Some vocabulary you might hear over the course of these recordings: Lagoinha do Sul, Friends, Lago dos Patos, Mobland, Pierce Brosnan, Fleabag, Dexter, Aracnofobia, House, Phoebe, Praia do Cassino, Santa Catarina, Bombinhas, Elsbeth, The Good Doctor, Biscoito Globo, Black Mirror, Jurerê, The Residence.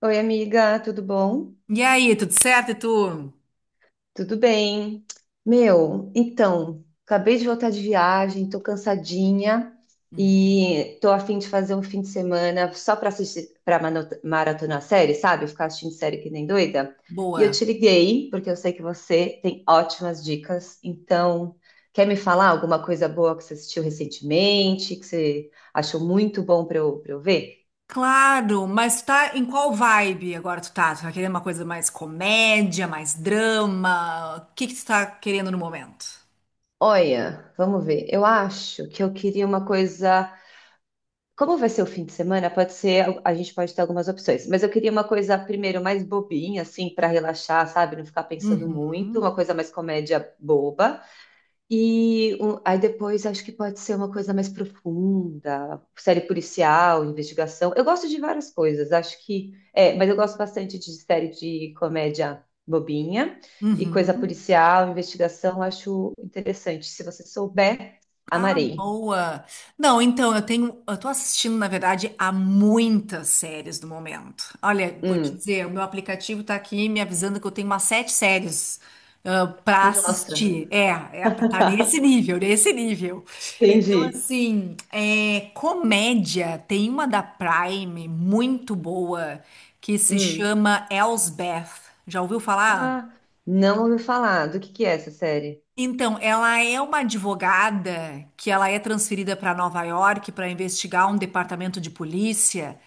Oi, amiga, tudo bom? E aí, tudo certo? E tu? Tudo bem. Meu, então, acabei de voltar de viagem, tô cansadinha Uhum. e tô a fim de fazer um fim de semana só para assistir, para maratonar série, sabe? Ficar assistindo série que nem doida. E eu Boa. te liguei porque eu sei que você tem ótimas dicas. Então, quer me falar alguma coisa boa que você assistiu recentemente, que você achou muito bom para eu ver? Claro, mas tá em qual vibe agora tu tá? Tu tá querendo uma coisa mais comédia, mais drama? O que que tu tá querendo no momento? Olha, vamos ver. Eu acho que eu queria uma coisa. Como vai ser o fim de semana, pode ser, a gente pode ter algumas opções, mas eu queria uma coisa primeiro mais bobinha, assim, para relaxar, sabe? Não ficar pensando muito, Uhum, uma coisa mais comédia boba. E aí depois acho que pode ser uma coisa mais profunda, série policial, investigação. Eu gosto de várias coisas, acho que é, mas eu gosto bastante de série de comédia bobinha e coisa uhum. policial, investigação, acho interessante. Se você souber, Ah, amarei. boa. Não, então eu tô assistindo, na verdade, a muitas séries do momento. Olha, vou te Hum, dizer, o meu aplicativo tá aqui me avisando que eu tenho umas sete séries pra para nossa. assistir. É, tá nesse nível, nesse nível. Então, Entendi. assim, comédia, tem uma da Prime muito boa que se Hum. chama Elsbeth. Já ouviu falar? Ah, não ouvi falar. Do que é essa série? Então, ela é uma advogada que ela é transferida para Nova York para investigar um departamento de polícia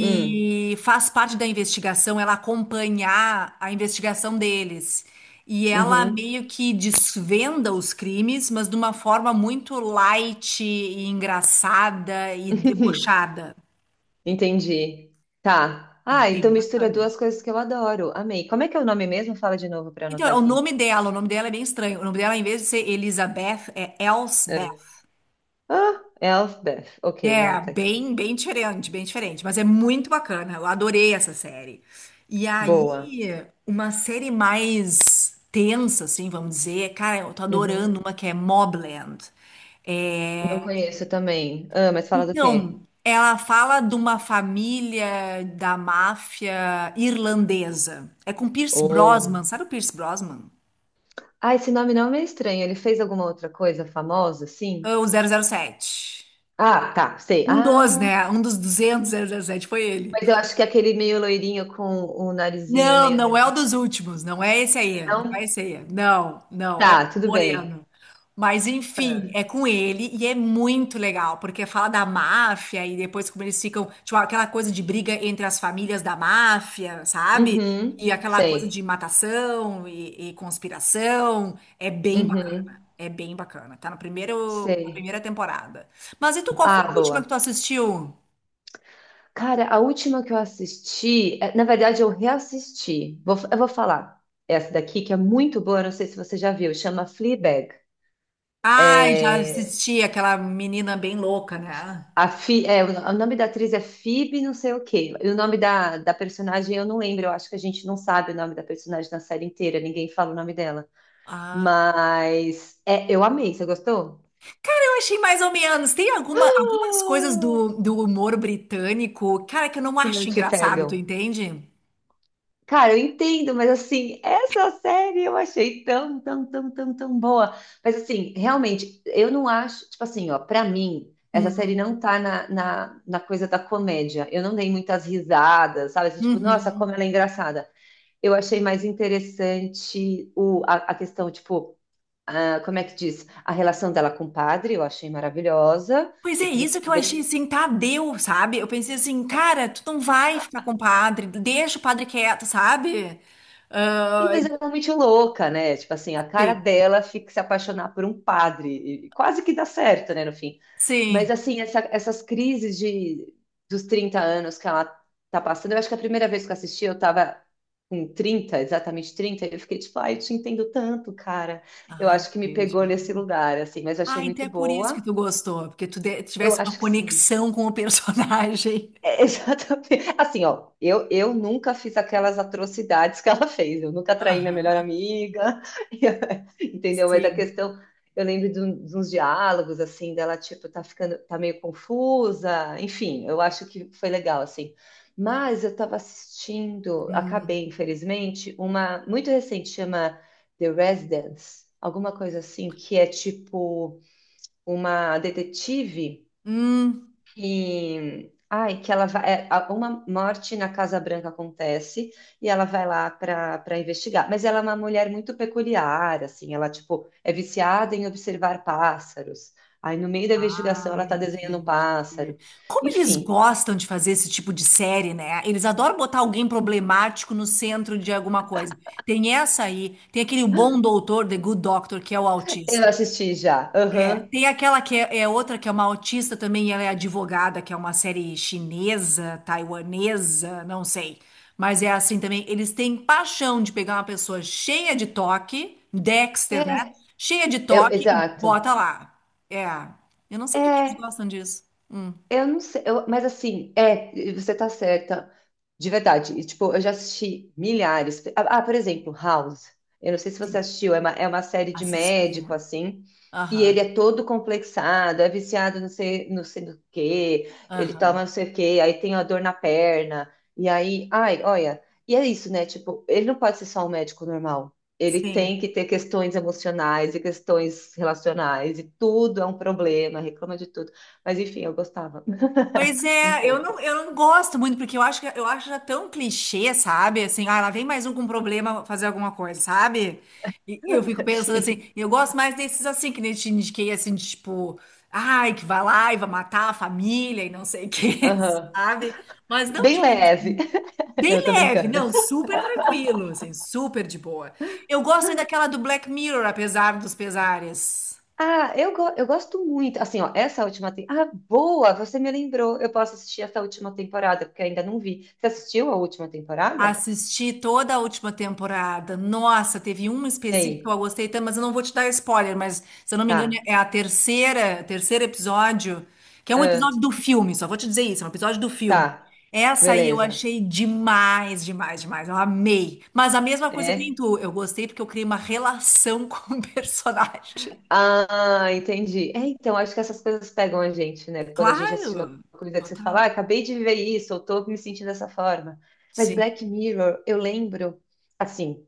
Hum. faz parte da investigação, ela acompanhar a investigação deles. E ela Uhum. meio que desvenda os crimes, mas de uma forma muito light e engraçada e debochada. Entendi. Tá. É Ah, então bem mistura bacana. duas coisas que eu adoro. Amei. Como é que é o nome mesmo? Fala de novo para eu anotar Então, aqui. O nome dela é bem estranho. O nome dela, em vez de ser Elizabeth, é Elsbeth. É. Ah, Elfbeth. Ok, vou É, anotar aqui. bem, bem diferente, mas é muito bacana. Eu adorei essa série. E Boa. aí, uma série mais tensa, assim, vamos dizer, cara, eu tô adorando Uhum. uma que é Mobland. Não conheço também. Ah, mas fala do quê? Então, ela fala de uma família da máfia irlandesa. É com Pierce Oh. Brosnan, sabe o Pierce Brosnan? Ah, esse nome não me é estranho. Ele fez alguma outra coisa famosa? É Sim. o 007. Ah, tá, sei. Um dos, né? Um dos duzentos zero zero sete foi ele. Mas eu acho que aquele meio loirinho com o narizinho Não, meio não é o redondinho. dos últimos, não é esse aí, não é Não? esse aí. Não, não, é Tá, o tudo bem. Moreno. Mas Ah. enfim, é com ele e é muito legal, porque fala da máfia e depois como eles ficam, tipo, aquela coisa de briga entre as famílias da máfia, sabe? E Uhum, aquela coisa de sei. matação e conspiração. Uhum, É bem bacana. Tá no primeiro, na sei. primeira temporada. Mas e tu, qual foi Ah, a última que boa. tu assistiu? Cara, a última que eu assisti, é, na verdade eu reassisti. Eu vou falar essa daqui que é muito boa, não sei se você já viu, chama Fleabag. Ai, já É, assisti aquela menina bem louca, né? a Phe- é, o nome da atriz é Phoebe, não sei o quê. E o nome da personagem eu não lembro, eu acho que a gente não sabe o nome da personagem na série inteira, ninguém fala o nome dela. Ah. Mas é, eu amei, você gostou? Eu achei mais ou menos. Tem alguma, algumas coisas Ah, do humor britânico, cara, que eu não que não acho te engraçado, tu pegam. entende? Cara, eu entendo, mas assim, essa série eu achei tão, tão, tão, tão, tão boa. Mas assim, realmente, eu não acho, tipo assim, ó, pra mim, essa série Uhum. não tá na coisa da comédia. Eu não dei muitas risadas, sabe? Assim, tipo, nossa, como Uhum. ela é engraçada. Eu achei mais interessante a questão, tipo, ah, como é que diz? A relação dela com o padre, eu achei maravilhosa. Pois é, E isso que eu achei primeiro. assim, tá, deu, sabe? Eu pensei assim, cara, tu não vai ficar com o padre, deixa o padre quieto, sabe? Sim, Ah, mas ela é muito louca, né? Tipo assim, a cara sim, dela fica se apaixonar por um padre. E quase que dá certo, né, no fim. Mas sim. assim, essas crises dos 30 anos que ela tá passando, eu acho que a primeira vez que eu assisti, eu tava com 30, exatamente 30, e eu fiquei tipo, ai, eu te entendo tanto, cara. Eu Ah, acho que me pegou entendi. nesse lugar, assim, mas achei Ah, então muito é por isso que boa. tu gostou, porque Eu tivesse uma acho que sim. conexão com o personagem. É, exatamente. Assim, ó, eu nunca fiz aquelas atrocidades que ela fez. Eu nunca traí minha melhor Aham, amiga, entendeu? Mas a sim. questão, eu lembro de, de uns diálogos, assim, dela, tipo, tá ficando, tá meio confusa. Enfim, eu acho que foi legal, assim. Mas eu tava assistindo, Hum. acabei, infelizmente, uma muito recente, chama The Residence, alguma coisa assim, que é tipo uma detetive Hum. e ai, que ela vai, é, uma morte na Casa Branca acontece e ela vai lá para investigar. Mas ela é uma mulher muito peculiar, assim, ela tipo é viciada em observar pássaros. Aí no meio da investigação Ah, ela tá desenhando um entendi. pássaro. Como eles Enfim, gostam de fazer esse tipo de série, né? Eles adoram botar alguém problemático no centro de alguma coisa. Tem essa aí, tem aquele O Bom Doutor, The Good Doctor, que é o eu autista. assisti já. É, Aham. tem aquela que é outra que é uma autista também, e ela é advogada, que é uma série chinesa, taiwanesa, não sei. Mas é assim também, eles têm paixão de pegar uma pessoa cheia de toque, Dexter, né? É, Cheia de toque e exato. bota lá. É. Eu não sei por que que eles É, gostam disso. Hum, eu não sei, mas assim, é, você tá certa, de verdade. E, tipo, eu já assisti milhares. Ah, ah, por exemplo, House. Eu não sei se você sim. assistiu, é uma série de Assistir. médico, É. assim, e ele Aham, é todo complexado, é viciado não sei, não sei do quê, ele toma aham. não sei o quê, aí tem a dor na perna, e aí, ai, olha, e é isso, né? Tipo, ele não pode ser só um médico normal. Ele Sim. tem que ter questões emocionais e questões relacionais, e tudo é um problema, reclama de tudo. Mas enfim, eu gostava Pois um é, pouco, eu não gosto muito, porque eu acho que eu acho já tão clichê, sabe? Assim, ah, lá vem mais um com problema fazer alguma coisa, sabe? E eu fico pensando assim. assim, eu gosto mais desses assim, que nem eu te indiquei, assim, de, tipo, ai, que vai lá e vai matar a família e não sei o quê, Aham. sabe? Mas não de Bem gente leve. assim, Não, bem eu tô leve, brincando. não, super tranquilo, assim, super de boa. Eu gosto ainda daquela do Black Mirror, apesar dos pesares. Ah, eu, eu gosto muito. Assim, ó, essa última temporada. Ah, boa! Você me lembrou. Eu posso assistir essa última temporada, porque eu ainda não vi. Você assistiu a última temporada? Assisti toda a última temporada. Nossa, teve um específico que Ei, eu gostei tanto, mas eu não vou te dar spoiler, mas se eu não me engano tá. é a terceira, terceiro episódio, que é um Ah, episódio do filme, só vou te dizer isso, é um episódio do filme. tá. Essa aí eu Beleza. achei demais, demais, demais. Eu amei. Mas a mesma coisa que nem É. tu, eu gostei porque eu criei uma relação com o personagem. Ah, entendi. É, então, acho que essas coisas pegam a gente, né? Quando a gente assiste uma Claro, coisa que você fala, total. ah, acabei de viver isso, eu tô me sentindo dessa forma. Mas Sim. Black Mirror, eu lembro, assim,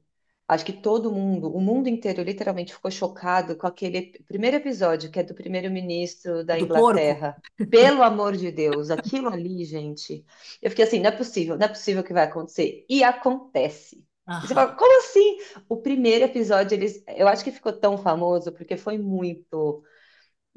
acho que todo mundo, o mundo inteiro, literalmente ficou chocado com aquele primeiro episódio, que é do primeiro-ministro O da do porco? Inglaterra. Pelo amor de Deus, aquilo ali, gente. Eu fiquei assim, não é possível, não é possível que vai acontecer. E acontece. E você Aham. fala, como assim? O primeiro episódio, eles, eu acho que ficou tão famoso porque foi muito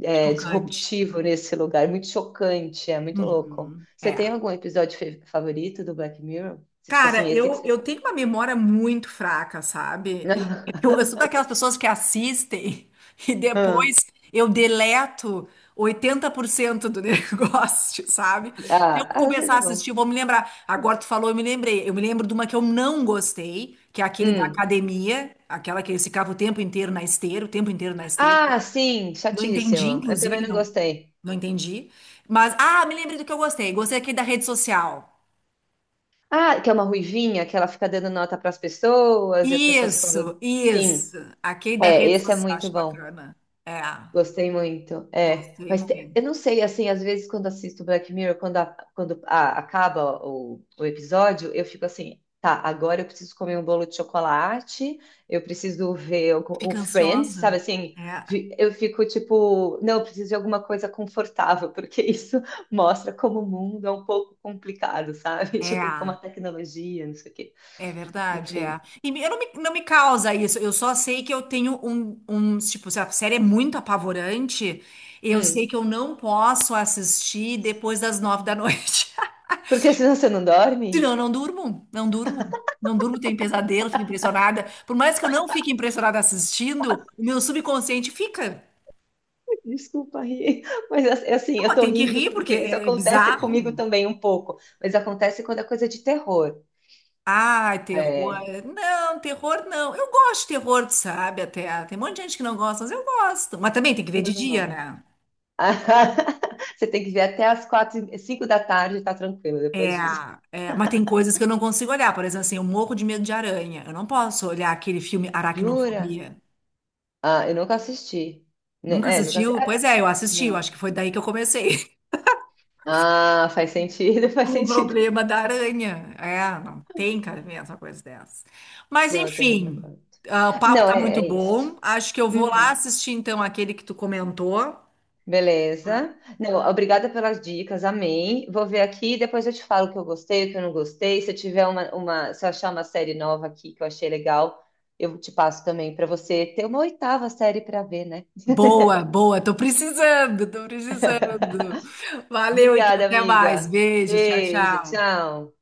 é, Chocante. disruptivo nesse lugar, muito chocante, é muito louco. Uhum. Você É. tem algum episódio favorito do Black Mirror? Você, tipo Cara, assim, esse que eu, você eu fala. tenho uma memória muito fraca, sabe? Eu, eu sou daquelas pessoas que assistem e Ah, depois eu deleto 80% do negócio, sabe? Se eu ah, às vezes começar a é bom. assistir, eu vou me lembrar. Agora tu falou, eu me lembrei. Eu me lembro de uma que eu não gostei, que é aquele da Hum. academia, aquela que eles ficavam o tempo inteiro na esteira, o tempo inteiro na esteira. Ah, sim, Não entendi, chatíssimo. Eu também inclusive, não não, gostei. não entendi. Mas, ah, me lembrei do que eu gostei. Gostei aquele da rede social. Ah, que é uma ruivinha, que ela fica dando nota para as pessoas e as pessoas ficam. Isso, Sim, isso. Aquele da é, rede esse é social, muito acho bom. bacana. É, Gostei muito. É, gostei mas muito. eu não sei, assim, às vezes quando assisto Black Mirror, quando acaba o episódio, eu fico assim, tá, agora eu preciso comer um bolo de chocolate, eu preciso ver o Fica Friends, sabe ansiosa. assim? É, Eu fico tipo, não, eu preciso de alguma coisa confortável, porque isso mostra como o mundo é um pouco complicado, sabe? Tipo, como a é, tecnologia, não sei o quê. é verdade, é. Enfim. E eu não me, não me causa isso, eu só sei que eu tenho um, tipo, se a série é muito apavorante, eu sei Hum. que eu não posso assistir depois das 9 da noite. Porque senão você não Senão dorme? eu não durmo, não durmo. Não durmo, tenho pesadelo, fico impressionada. Por mais que eu não fique impressionada assistindo, o meu subconsciente fica. Desculpa rir, mas é assim, Não, eu mas tô tem que rindo rir, porque porque isso é acontece comigo bizarro. também um pouco, mas acontece quando é coisa de terror. Ai, É, terror. Não, terror não. Eu gosto de terror, tu sabe, até. Tem um monte de gente que não gosta, mas eu gosto. Mas também tem que ver eu de não dia, gosto. né? Você tem que ver até as 4, 5 da tarde, tá tranquilo depois É, disso. é, mas tem coisas que eu não consigo olhar. Por exemplo, assim, eu morro de medo de aranha. Eu não posso olhar aquele filme Jura? Aracnofobia. Ah, eu nunca assisti. Né, Nunca é, nunca assisti. assistiu? Ah, Pois é, eu assisti. Eu acho não. que foi daí que eu comecei. Ah, faz sentido, faz Com o sentido. problema da aranha. É, não tem cabimento essa coisa dessa. Mas, Não, é terror não enfim, conta. ah, o papo Não, tá é, muito é isso. bom. Acho que eu vou lá Hum. assistir, então, aquele que tu comentou. Beleza. Não, obrigada pelas dicas, amei. Vou ver aqui, depois eu te falo o que eu gostei, o que eu não gostei. Se eu tiver se eu achar uma série nova aqui que eu achei legal, eu te passo também para você ter uma oitava série para ver, né? Boa, boa. Tô precisando, tô precisando. Valeu, então. Obrigada, Até mais. amiga. Beijo. Tchau, Beijo, tchau. tchau.